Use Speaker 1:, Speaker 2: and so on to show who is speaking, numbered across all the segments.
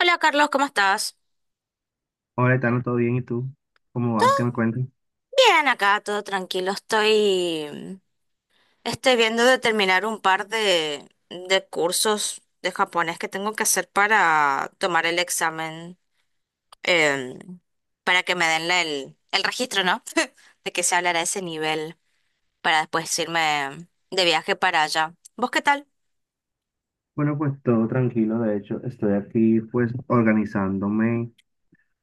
Speaker 1: Hola Carlos, ¿cómo estás?
Speaker 2: Hola, Etano, ¿todo bien? ¿Y tú? ¿Cómo vas? ¿Qué me cuentas?
Speaker 1: Bien, acá todo tranquilo. Estoy viendo de terminar un par de cursos de japonés que tengo que hacer para tomar el examen, eh, para que me den el registro, ¿no? De que se hablará a ese nivel para después irme de viaje para allá. ¿Vos qué tal?
Speaker 2: Bueno, pues todo tranquilo. De hecho, estoy aquí pues organizándome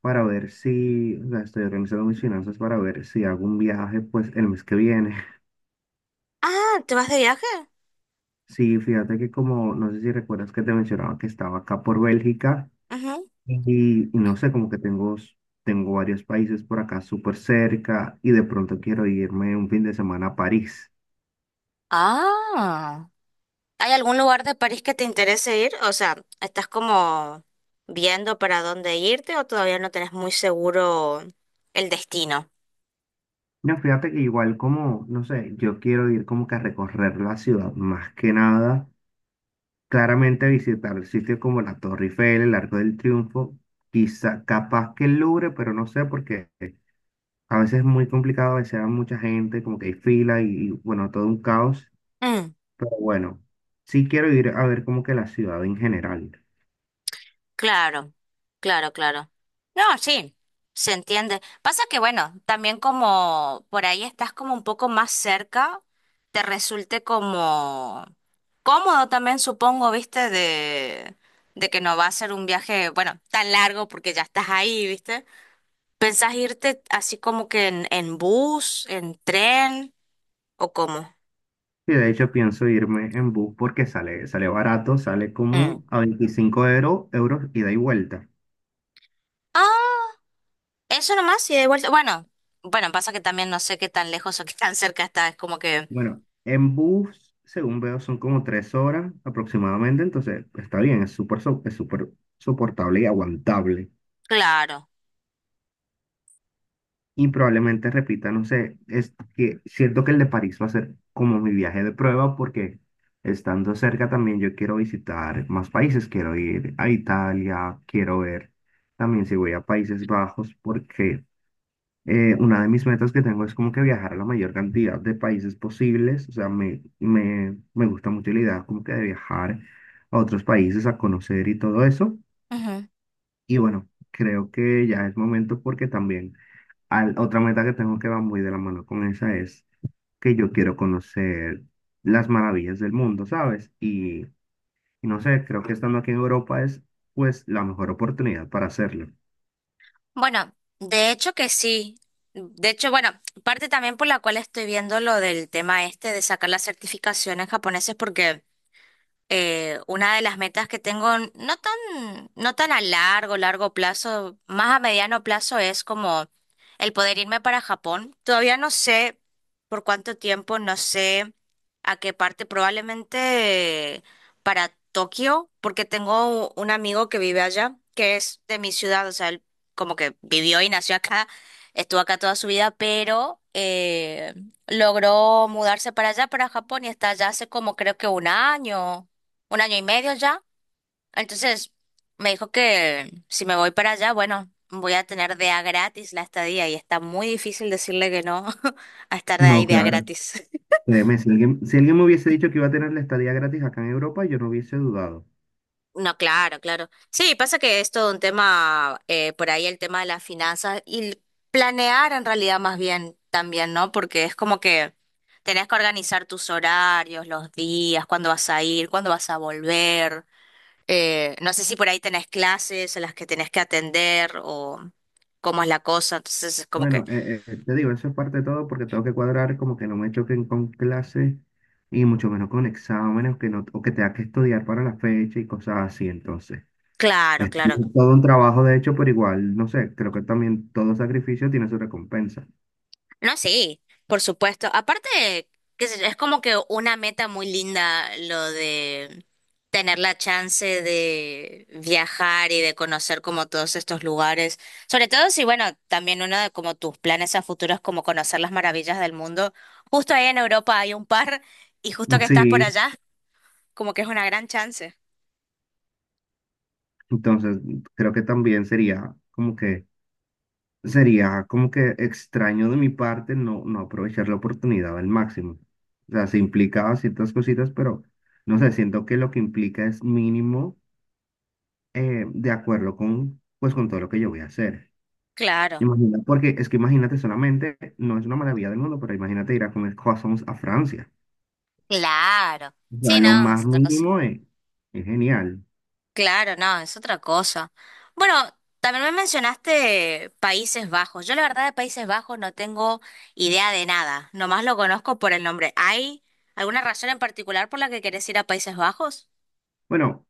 Speaker 2: para ver si, o sea, estoy organizando mis finanzas para ver si hago un viaje pues el mes que viene.
Speaker 1: Ah, ¿te vas de viaje?
Speaker 2: Sí, fíjate que como, no sé si recuerdas que te mencionaba que estaba acá por Bélgica
Speaker 1: Ujú.
Speaker 2: y, no sé, como que tengo, tengo varios países por acá súper cerca y de pronto quiero irme un fin de semana a París.
Speaker 1: Ah. ¿Hay algún lugar de París que te interese ir? O sea, ¿estás como viendo para dónde irte o todavía no tenés muy seguro el destino?
Speaker 2: No, fíjate que igual como, no sé, yo quiero ir como que a recorrer la ciudad más que nada, claramente visitar sitios como la Torre Eiffel, el Arco del Triunfo, quizá capaz que el Louvre, pero no sé porque a veces es muy complicado, a veces hay mucha gente, como que hay fila bueno, todo un caos,
Speaker 1: Mm,
Speaker 2: pero bueno, sí quiero ir a ver como que la ciudad en general.
Speaker 1: claro, claro, claro. No, sí, se entiende. Pasa que, bueno, también como por ahí estás como un poco más cerca, te resulte como cómodo también, supongo, viste, de que no va a ser un viaje, bueno, tan largo porque ya estás ahí, ¿viste? ¿Pensás irte así como que en bus, en tren o cómo?
Speaker 2: Y de hecho pienso irme en bus porque sale barato, sale
Speaker 1: Mm.
Speaker 2: como a euros ida y vuelta.
Speaker 1: Ah, eso nomás y de vuelta. Bueno, bueno, pasa que también no sé qué tan lejos o qué tan cerca está. Es como que,
Speaker 2: Bueno, en bus, según veo, son como 3 horas aproximadamente, entonces está bien, es es súper soportable y aguantable.
Speaker 1: claro.
Speaker 2: Y probablemente repita, no sé, es que siento que el de París va a ser como mi viaje de prueba porque estando cerca también yo quiero visitar más países, quiero ir a Italia, quiero ver también si voy a Países Bajos porque una de mis metas que tengo es como que viajar a la mayor cantidad de países posibles. O sea, me gusta mucho la idea como que de viajar a otros países a conocer y todo eso.
Speaker 1: Ujú.
Speaker 2: Y bueno, creo que ya es momento porque también otra meta que tengo que va muy de la mano con esa es que yo quiero conocer las maravillas del mundo, ¿sabes? Y no sé, creo que estando aquí en Europa es pues la mejor oportunidad para hacerlo.
Speaker 1: Bueno, de hecho que sí. De hecho, bueno, parte también por la cual estoy viendo lo del tema este de sacar la certificación en japonés es porque una de las metas que tengo, no tan a largo, largo plazo, más a mediano plazo es como el poder irme para Japón. Todavía no sé por cuánto tiempo, no sé a qué parte, probablemente para Tokio, porque tengo un amigo que vive allá, que es de mi ciudad, o sea, él como que vivió y nació acá, estuvo acá toda su vida, pero logró mudarse para allá, para Japón, y está allá hace como creo que un año y medio ya. Entonces me dijo que si me voy para allá, bueno, voy a tener de a gratis la estadía y está muy difícil decirle que no a estar de
Speaker 2: No,
Speaker 1: ahí de a
Speaker 2: claro.
Speaker 1: gratis.
Speaker 2: Créeme, si alguien me hubiese dicho que iba a tener la estadía gratis acá en Europa, yo no hubiese dudado.
Speaker 1: No, claro, claro. Sí, pasa que es todo un tema, por ahí el tema de las finanzas y planear en realidad más bien también, ¿no? Porque es como que tenés que organizar tus horarios, los días, cuándo vas a ir, cuándo vas a volver. No sé si por ahí tenés clases a las que tenés que atender o cómo es la cosa. Entonces es como que,
Speaker 2: Bueno, te digo, eso es parte de todo porque tengo que cuadrar como que no me choquen con clases y mucho menos con exámenes que no, o que tenga que estudiar para la fecha y cosas así. Entonces,
Speaker 1: claro,
Speaker 2: es
Speaker 1: claro.
Speaker 2: todo un trabajo de hecho, pero igual, no sé, creo que también todo sacrificio tiene su recompensa.
Speaker 1: No, sí, por supuesto. Aparte, qué sé yo, es como que una meta muy linda lo de tener la chance de viajar y de conocer como todos estos lugares. Sobre todo si, bueno, también uno de como tus planes a futuro es como conocer las maravillas del mundo. Justo ahí en Europa hay un par y justo que estás por
Speaker 2: Sí,
Speaker 1: allá, como que es una gran chance.
Speaker 2: entonces creo que también sería como que extraño de mi parte no aprovechar la oportunidad al máximo. O sea, se implicaba ciertas cositas, pero no sé, siento que lo que implica es mínimo de acuerdo con, pues, con todo lo que yo voy a hacer.
Speaker 1: Claro.
Speaker 2: Imagina, porque es que imagínate solamente, no es una maravilla del mundo, pero imagínate ir a comer croissants a Francia.
Speaker 1: Claro.
Speaker 2: O sea,
Speaker 1: Sí,
Speaker 2: lo
Speaker 1: no,
Speaker 2: más
Speaker 1: es otra cosa.
Speaker 2: mínimo es genial.
Speaker 1: Claro, no, es otra cosa. Bueno, también me mencionaste Países Bajos. Yo la verdad de Países Bajos no tengo idea de nada. Nomás lo conozco por el nombre. ¿Hay alguna razón en particular por la que querés ir a Países Bajos?
Speaker 2: Bueno,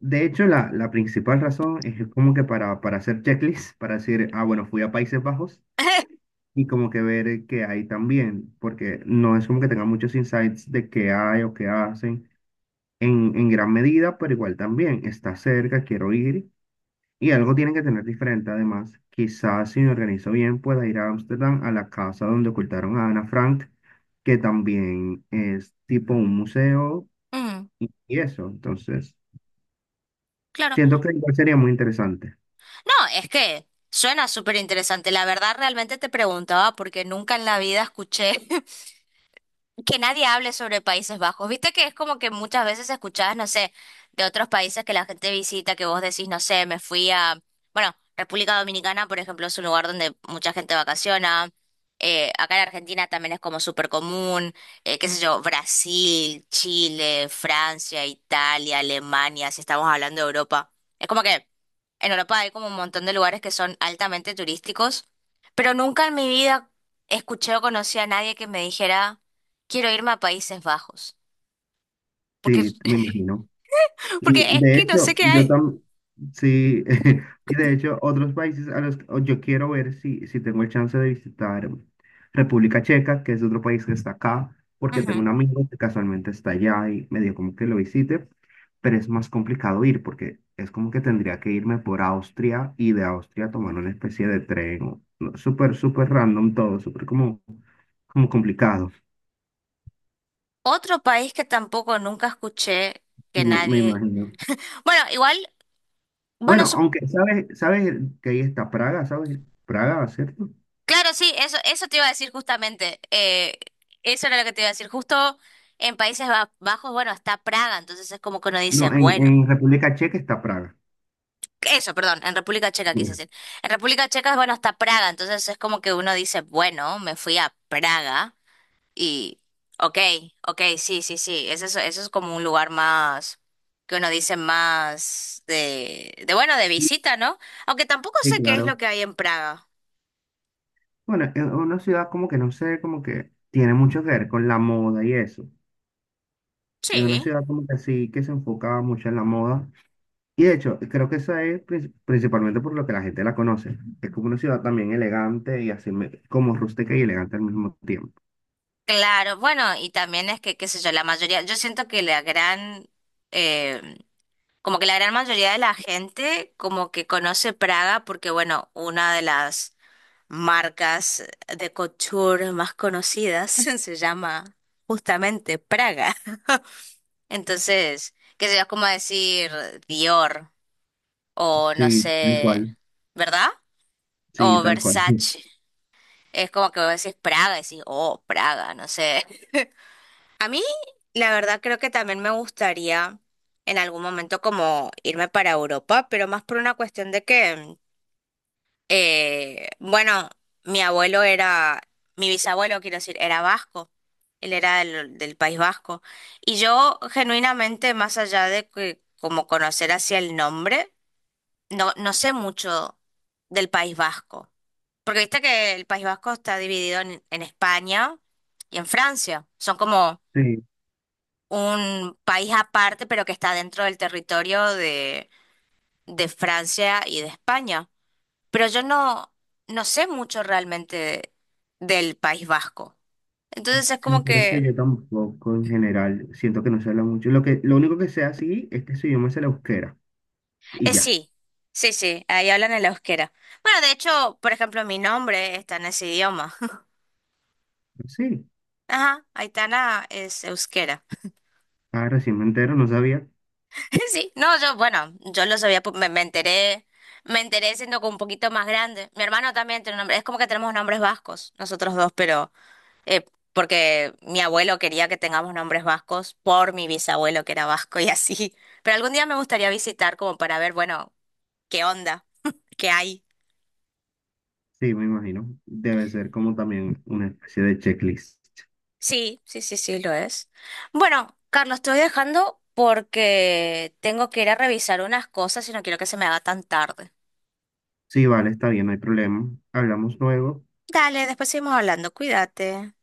Speaker 2: de hecho, la principal razón es como que para hacer checklist, para decir, ah, bueno, fui a Países Bajos y como que ver qué hay también, porque no es como que tenga muchos insights de qué hay o qué hacen en gran medida, pero igual también está cerca, quiero ir y algo tienen que tener diferente además. Quizás si me organizo bien pueda ir a Ámsterdam a la casa donde ocultaron a Ana Frank, que también es tipo un museo
Speaker 1: Mm,
Speaker 2: y eso, entonces
Speaker 1: claro.
Speaker 2: siento que igual sería muy interesante.
Speaker 1: No, es que suena súper interesante. La verdad, realmente te preguntaba porque nunca en la vida escuché que nadie hable sobre Países Bajos. Viste que es como que muchas veces escuchás, no sé, de otros países que la gente visita, que vos decís, no sé, me fui a, bueno, República Dominicana, por ejemplo, es un lugar donde mucha gente vacaciona. Acá en Argentina también es como súper común, qué sé yo, Brasil, Chile, Francia, Italia, Alemania, si estamos hablando de Europa. Es como que en Europa hay como un montón de lugares que son altamente turísticos, pero nunca en mi vida escuché o conocí a nadie que me dijera. Quiero irme a Países Bajos. Porque,
Speaker 2: Sí, me imagino. Y
Speaker 1: porque es
Speaker 2: de
Speaker 1: que no sé
Speaker 2: hecho,
Speaker 1: qué
Speaker 2: yo
Speaker 1: hay.
Speaker 2: también, sí, y de hecho, otros países a los que o yo quiero ver si tengo el chance de visitar República Checa, que es otro país que está acá, porque tengo un
Speaker 1: Ujú.
Speaker 2: amigo que casualmente está allá y me dio como que lo visite, pero es más complicado ir porque es como que tendría que irme por Austria y de Austria tomar una especie de tren, no, súper random todo, súper como, como complicado,
Speaker 1: Otro país que tampoco nunca escuché que
Speaker 2: y me
Speaker 1: nadie.
Speaker 2: imagino.
Speaker 1: Bueno, igual, bueno,
Speaker 2: Bueno, aunque sabes que ahí está Praga, ¿sabes? Praga, ¿cierto?
Speaker 1: claro, sí, eso te iba a decir justamente. Eso era lo que te iba a decir. Justo en Países Bajos, bueno, está Praga, entonces es como que uno dice,
Speaker 2: No,
Speaker 1: bueno,
Speaker 2: en República Checa está Praga.
Speaker 1: eso, perdón, en República Checa quise
Speaker 2: Mira.
Speaker 1: decir. En República Checa, bueno, está Praga, entonces es como que uno dice, bueno, me fui a Praga. Y, ok, ok, sí, sí, sí, eso es como un lugar más, que uno dice más de, bueno, de visita, ¿no? Aunque tampoco
Speaker 2: Sí,
Speaker 1: sé qué es lo
Speaker 2: claro.
Speaker 1: que hay en Praga.
Speaker 2: Bueno, es una ciudad como que no sé, como que tiene mucho que ver con la moda y eso. Es una
Speaker 1: Sí,
Speaker 2: ciudad como que sí, que se enfocaba mucho en la moda. Y de hecho, creo que esa es principalmente por lo que la gente la conoce. Es como una ciudad también elegante y así como rústica y elegante al mismo tiempo.
Speaker 1: claro, bueno, y también es que, qué sé yo, la mayoría, yo siento que eh, como que la gran mayoría de la gente como que conoce Praga porque, bueno, una de las marcas de couture más conocidas se llama justamente Praga. Entonces, qué sé yo, es como decir Dior o no
Speaker 2: Sí, tal
Speaker 1: sé,
Speaker 2: cual.
Speaker 1: ¿verdad?
Speaker 2: Sí,
Speaker 1: O
Speaker 2: tal cual.
Speaker 1: Versace. Es como que vos decís Praga y decís, oh, Praga, no sé. A mí, la verdad, creo que también me gustaría en algún momento como irme para Europa, pero más por una cuestión de que bueno, mi abuelo era, mi bisabuelo, quiero decir, era vasco. Él era del País Vasco. Y yo, genuinamente, más allá de que, como conocer hacia el nombre, no, no sé mucho del País Vasco. Porque viste que el País Vasco está dividido en España y en Francia. Son como
Speaker 2: Sí,
Speaker 1: un país aparte, pero que está dentro del territorio de Francia y de España pero yo no, no sé mucho realmente del País Vasco. Entonces es
Speaker 2: Sí,
Speaker 1: como
Speaker 2: pero es que
Speaker 1: que,
Speaker 2: yo tampoco en general siento que no se habla mucho. Lo que, lo único que sé así es que su idioma es el euskera y ya.
Speaker 1: sí, sí, sí, ahí hablan el euskera. Bueno, de hecho, por ejemplo, mi nombre está en ese idioma.
Speaker 2: Pues sí,
Speaker 1: Ajá, Aitana es euskera.
Speaker 2: ah, recién me entero, no sabía.
Speaker 1: Sí, no, yo, yo lo sabía, me enteré siendo como un poquito más grande. Mi hermano también tiene un nombre, es como que tenemos nombres vascos, nosotros dos, pero, Eh, porque mi abuelo quería que tengamos nombres vascos por mi bisabuelo que era vasco y así. Pero algún día me gustaría visitar como para ver, bueno, qué onda, qué hay.
Speaker 2: Sí, me imagino. Debe ser como también una especie de checklist.
Speaker 1: Sí, sí, sí, sí, lo es. Bueno, Carlos, te voy dejando porque tengo que ir a revisar unas cosas y no quiero que se me haga tan tarde.
Speaker 2: Sí, vale, está bien, no hay problema. Hablamos luego.
Speaker 1: Dale, después seguimos hablando, cuídate.